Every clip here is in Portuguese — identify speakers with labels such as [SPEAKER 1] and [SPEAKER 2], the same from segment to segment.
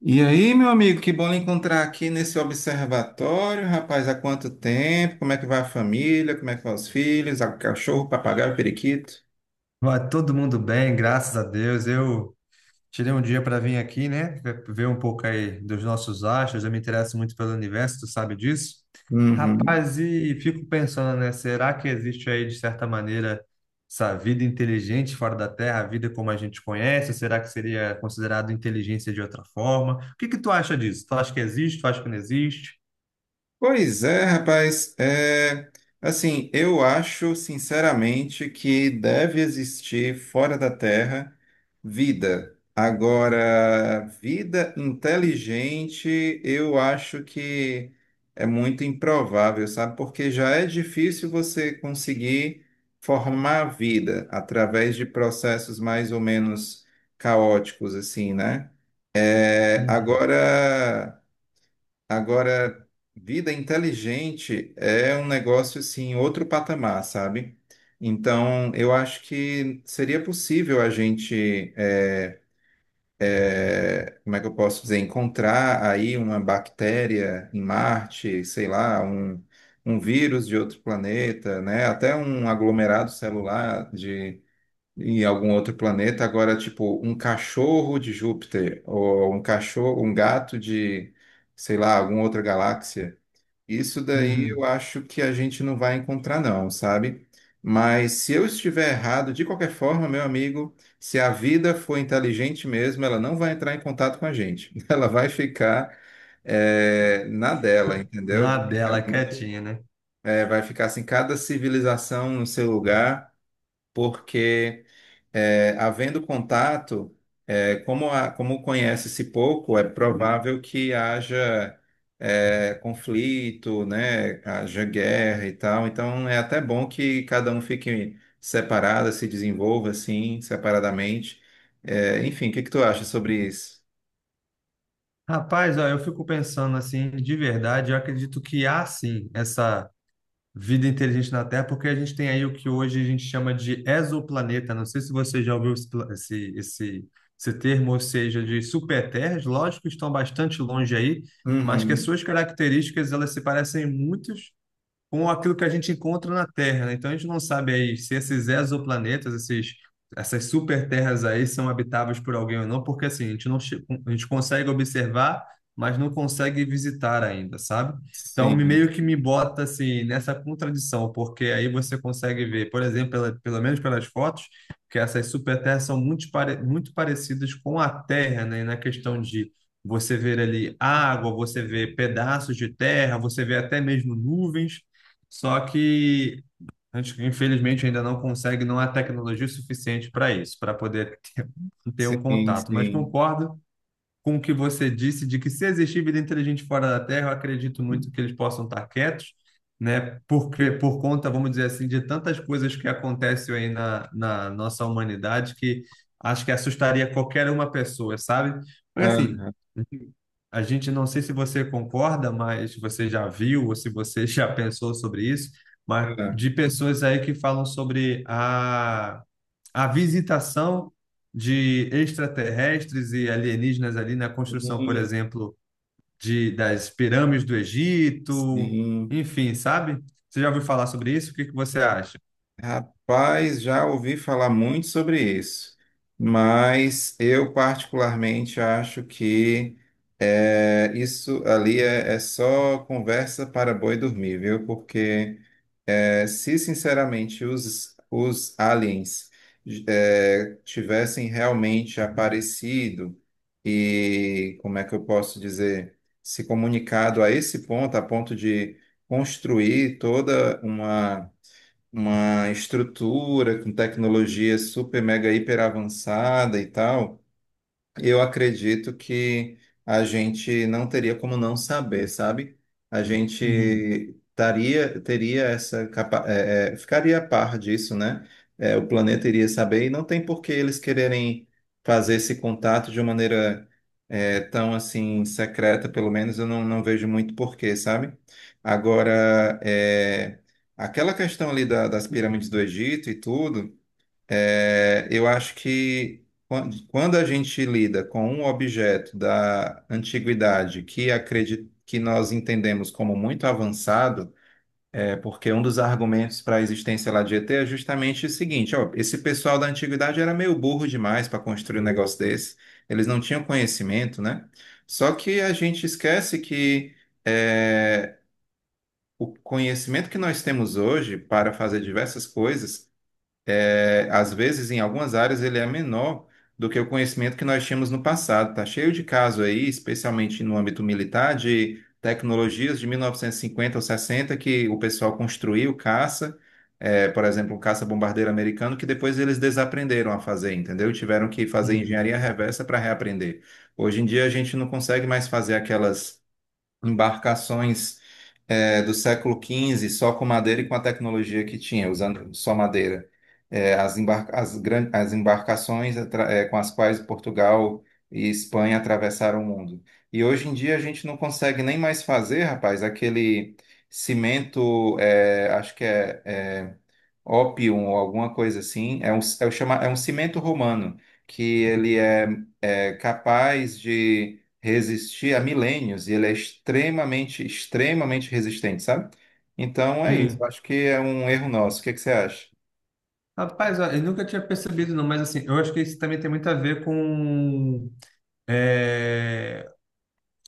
[SPEAKER 1] E aí, meu amigo, que bom lhe encontrar aqui nesse observatório, rapaz, há quanto tempo? Como é que vai a família? Como é que vão os filhos? O cachorro, o papagaio, o periquito?
[SPEAKER 2] Vai todo mundo bem, graças a Deus. Eu tirei um dia para vir aqui, né? Ver um pouco aí dos nossos astros. Eu me interesso muito pelo universo, tu sabe disso?
[SPEAKER 1] Uhum.
[SPEAKER 2] Rapaz, e fico pensando, né? Será que existe aí, de certa maneira, essa vida inteligente fora da Terra, a vida como a gente conhece? Será que seria considerado inteligência de outra forma? O que que tu acha disso? Tu acha que existe? Tu acha que não existe?
[SPEAKER 1] Pois é, rapaz. Assim, eu acho sinceramente que deve existir fora da Terra vida. Agora, vida inteligente, eu acho que é muito improvável, sabe? Porque já é difícil você conseguir formar vida através de processos mais ou menos caóticos, assim, né? É,
[SPEAKER 2] Uhum,
[SPEAKER 1] agora. Agora, vida inteligente é um negócio assim, outro patamar, sabe? Então, eu acho que seria possível a gente, como é que eu posso dizer, encontrar aí uma bactéria em Marte, sei lá, um vírus de outro planeta, né? Até um aglomerado celular de em algum outro planeta. Agora, tipo, um cachorro de Júpiter ou um cachorro, um gato de, sei lá, alguma outra galáxia. Isso daí eu
[SPEAKER 2] uhum.
[SPEAKER 1] acho que a gente não vai encontrar, não, sabe? Mas se eu estiver errado, de qualquer forma, meu amigo, se a vida for inteligente mesmo, ela não vai entrar em contato com a gente. Ela vai ficar, na dela, entendeu?
[SPEAKER 2] Na dela,
[SPEAKER 1] Realmente,
[SPEAKER 2] quietinha, né?
[SPEAKER 1] vai ficar assim, cada civilização no seu lugar, porque, é, havendo contato, como, como conhece-se pouco, é provável que haja conflito, né? Haja guerra e tal. Então é até bom que cada um fique separado, se desenvolva assim, separadamente. Enfim, o que que tu acha sobre isso?
[SPEAKER 2] Rapaz, ó, eu fico pensando assim, de verdade, eu acredito que há sim essa vida inteligente na Terra, porque a gente tem aí o que hoje a gente chama de exoplaneta. Não sei se você já ouviu esse, esse, esse termo, ou seja, de superterras. Lógico que estão bastante longe aí, mas que as
[SPEAKER 1] Uhum.
[SPEAKER 2] suas características elas se parecem muito com aquilo que a gente encontra na Terra, né? Então a gente não sabe aí se esses exoplanetas, essas superterras aí são habitáveis por alguém ou não, porque assim, a gente consegue observar, mas não consegue visitar ainda, sabe? Então me
[SPEAKER 1] Sim,
[SPEAKER 2] meio que me bota assim nessa contradição, porque aí você consegue ver, por exemplo, pelo menos pelas fotos, que essas superterras são muito, muito parecidas com a Terra, né? Na questão de você ver ali água, você vê pedaços de terra, você vê até mesmo nuvens, só que a gente, infelizmente, ainda não consegue, não há tecnologia suficiente para isso, para poder ter um
[SPEAKER 1] sim,
[SPEAKER 2] contato. Mas
[SPEAKER 1] sim.
[SPEAKER 2] concordo com o que você disse de que, se existir vida inteligente fora da Terra, eu acredito muito que eles possam estar quietos, né? Porque, por conta, vamos dizer assim, de tantas coisas que acontecem aí na nossa humanidade que acho que assustaria qualquer uma pessoa, sabe? Porque assim.
[SPEAKER 1] Ah,
[SPEAKER 2] A gente não sei se você concorda, mas você já viu ou se você já pensou sobre isso, mas de
[SPEAKER 1] ah.
[SPEAKER 2] pessoas aí que falam sobre a visitação de extraterrestres e alienígenas ali na construção, por
[SPEAKER 1] Sim,
[SPEAKER 2] exemplo, das pirâmides do Egito,
[SPEAKER 1] sim.
[SPEAKER 2] enfim, sabe? Você já ouviu falar sobre isso? O que que você acha?
[SPEAKER 1] Rapaz, já ouvi falar muito sobre isso, mas eu particularmente acho que isso ali é só conversa para boi dormir, viu? Porque se sinceramente os aliens tivessem realmente aparecido e, como é que eu posso dizer, se comunicado a esse ponto, a ponto de construir toda uma estrutura com tecnologia super, mega, hiper avançada e tal. Eu acredito que a gente não teria como não saber, sabe? A
[SPEAKER 2] Uhum,
[SPEAKER 1] gente teria essa capa ficaria a par disso, né? É, o planeta iria saber e não tem por que eles quererem fazer esse contato de uma maneira tão assim secreta, pelo menos eu não vejo muito porquê, sabe? Agora, aquela questão ali das pirâmides do Egito e tudo. Eu acho que quando a gente lida com um objeto da antiguidade que acredito que nós entendemos como muito avançado, é porque um dos argumentos para a existência lá de ET é justamente o seguinte, ó, esse pessoal da antiguidade era meio burro demais para construir um negócio desse, eles não tinham conhecimento, né? Só que a gente esquece que é, o conhecimento que nós temos hoje para fazer diversas coisas às vezes, em algumas áreas, ele é menor do que o conhecimento que nós tínhamos no passado. Está cheio de caso aí, especialmente no âmbito militar, de tecnologias de 1950 ou 60 que o pessoal construiu, caça, por exemplo, um caça-bombardeiro americano, que depois eles desaprenderam a fazer, entendeu? Tiveram que fazer
[SPEAKER 2] uhum.
[SPEAKER 1] engenharia reversa para reaprender. Hoje em dia, a gente não consegue mais fazer aquelas embarcações do século XV só com madeira e com a tecnologia que tinha, usando só madeira. As embarcações com as quais Portugal e Espanha atravessaram o mundo. E hoje em dia a gente não consegue nem mais fazer, rapaz, aquele cimento, acho que é ópium ou alguma coisa assim, é um cimento romano, que ele é capaz de resistir a milênios e ele é extremamente, extremamente resistente, sabe? Então é isso. Eu
[SPEAKER 2] Hum.
[SPEAKER 1] acho que é um erro nosso. O que é que você acha?
[SPEAKER 2] Rapaz, ó, eu nunca tinha percebido, não, mas assim, eu acho que isso também tem muito a ver com eh,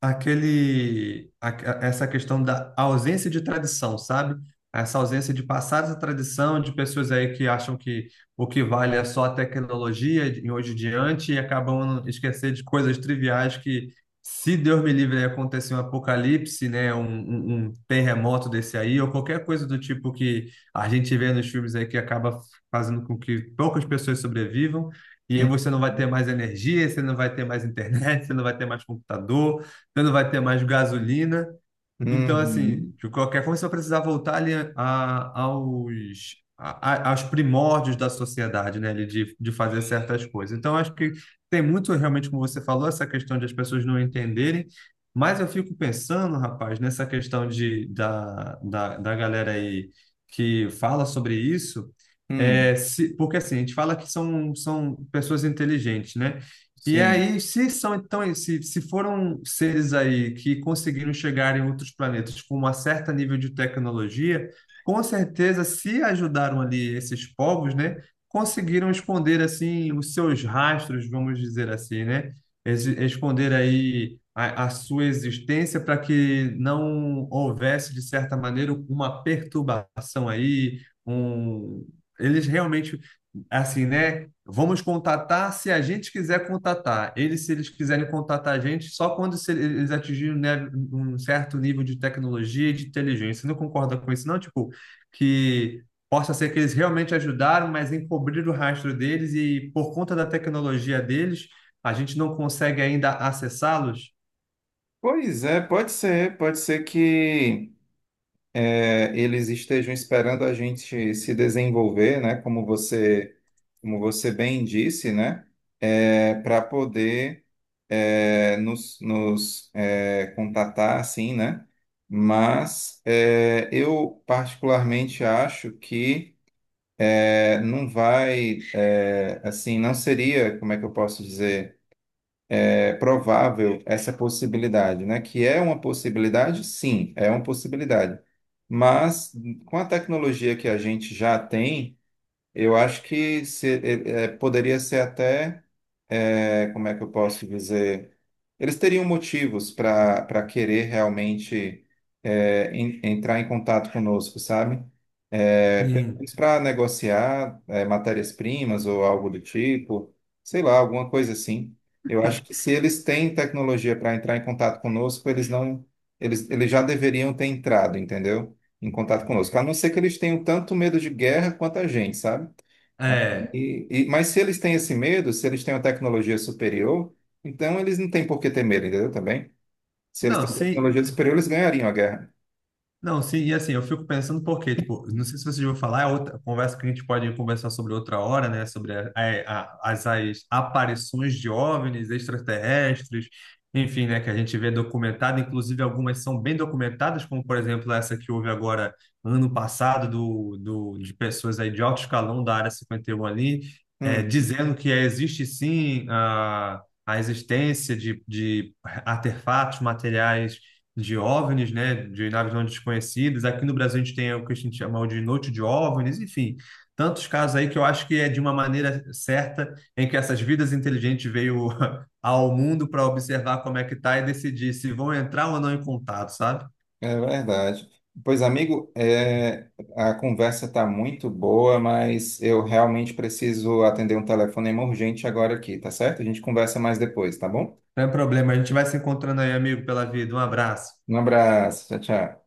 [SPEAKER 2] aquele a- essa questão da ausência de tradição, sabe? Essa ausência de passar essa tradição de pessoas aí que acham que o que vale é só a tecnologia de hoje em diante e acabam esquecendo de coisas triviais que, se Deus me livre, aí acontecer um apocalipse, né, um terremoto desse aí, ou qualquer coisa do tipo que a gente vê nos filmes aí que acaba fazendo com que poucas pessoas sobrevivam, e aí
[SPEAKER 1] Hum.
[SPEAKER 2] você não vai ter mais energia, você não vai ter mais internet, você não vai ter mais computador, você não vai ter mais gasolina. Então,
[SPEAKER 1] Uhum.
[SPEAKER 2] assim, de qualquer forma, você vai precisar voltar aos primórdios da sociedade, né? Ali de fazer certas coisas. Então, acho que tem muito, realmente, como você falou, essa questão de as pessoas não entenderem. Mas eu fico pensando, rapaz, nessa questão da galera aí que fala sobre isso.
[SPEAKER 1] Hum,
[SPEAKER 2] Porque assim, a gente fala que são pessoas inteligentes, né? E
[SPEAKER 1] sim.
[SPEAKER 2] aí, se são então, se foram seres aí que conseguiram chegar em outros planetas com uma certa nível de tecnologia, com certeza, se ajudaram ali esses povos, né, conseguiram esconder assim os seus rastros, vamos dizer assim, né, esconder aí a sua existência para que não houvesse de certa maneira uma perturbação aí, um, eles realmente assim, né? Vamos contatar se a gente quiser contatar. Eles, se eles quiserem contatar a gente, só quando eles atingirem, né, um certo nível de tecnologia e de inteligência. Você não concorda com isso, não? Tipo, que possa ser que eles realmente ajudaram, mas encobriram o rastro deles e, por conta da tecnologia deles, a gente não consegue ainda acessá-los?
[SPEAKER 1] Pois é, pode ser. Pode ser que eles estejam esperando a gente se desenvolver, né? Como você bem disse, né? Para poder, nos contatar, assim, né? Mas eu particularmente acho que não vai, assim, não seria, como é que eu posso dizer, provável essa possibilidade, né? Que é uma possibilidade, sim, é uma possibilidade. Mas com a tecnologia que a gente já tem, eu acho que poderia ser até como é que eu posso dizer? Eles teriam motivos para querer realmente entrar em contato conosco, sabe? Pelo
[SPEAKER 2] Sim.
[SPEAKER 1] menos para negociar matérias-primas ou algo do tipo, sei lá, alguma coisa assim. Eu acho que se eles têm tecnologia para entrar em contato conosco, eles não, eles já deveriam ter entrado, entendeu? Em contato conosco. A não ser que eles tenham tanto medo de guerra quanto a gente, sabe?
[SPEAKER 2] É.
[SPEAKER 1] Mas se eles têm esse medo, se eles têm uma tecnologia superior, então eles não têm por que ter medo, entendeu? Também. Se eles
[SPEAKER 2] Não,
[SPEAKER 1] têm
[SPEAKER 2] sim.
[SPEAKER 1] tecnologia superior, eles ganhariam a guerra.
[SPEAKER 2] Não, sim, e assim, eu fico pensando porque, tipo, não sei se vocês vão falar, é outra conversa que a gente pode conversar sobre outra hora, né? Sobre as aparições de OVNIs extraterrestres, enfim, né? Que a gente vê documentado, inclusive algumas são bem documentadas, como por exemplo essa que houve agora ano passado de pessoas aí de alto escalão da Área 51 ali, é,
[SPEAKER 1] Hum,
[SPEAKER 2] dizendo que existe sim a existência de artefatos materiais de OVNIs, né, de naves não desconhecidas. Aqui no Brasil a gente tem o que a gente chama de noite de OVNIs, enfim, tantos casos aí que eu acho que é de uma maneira certa em que essas vidas inteligentes veio ao mundo para observar como é que tá e decidir se vão entrar ou não em contato, sabe?
[SPEAKER 1] é verdade. Pois, amigo, a conversa está muito boa, mas eu realmente preciso atender um telefonema urgente agora aqui, tá certo? A gente conversa mais depois, tá bom?
[SPEAKER 2] Não é problema, a gente vai se encontrando aí, amigo, pela vida. Um abraço.
[SPEAKER 1] Um abraço, tchau, tchau.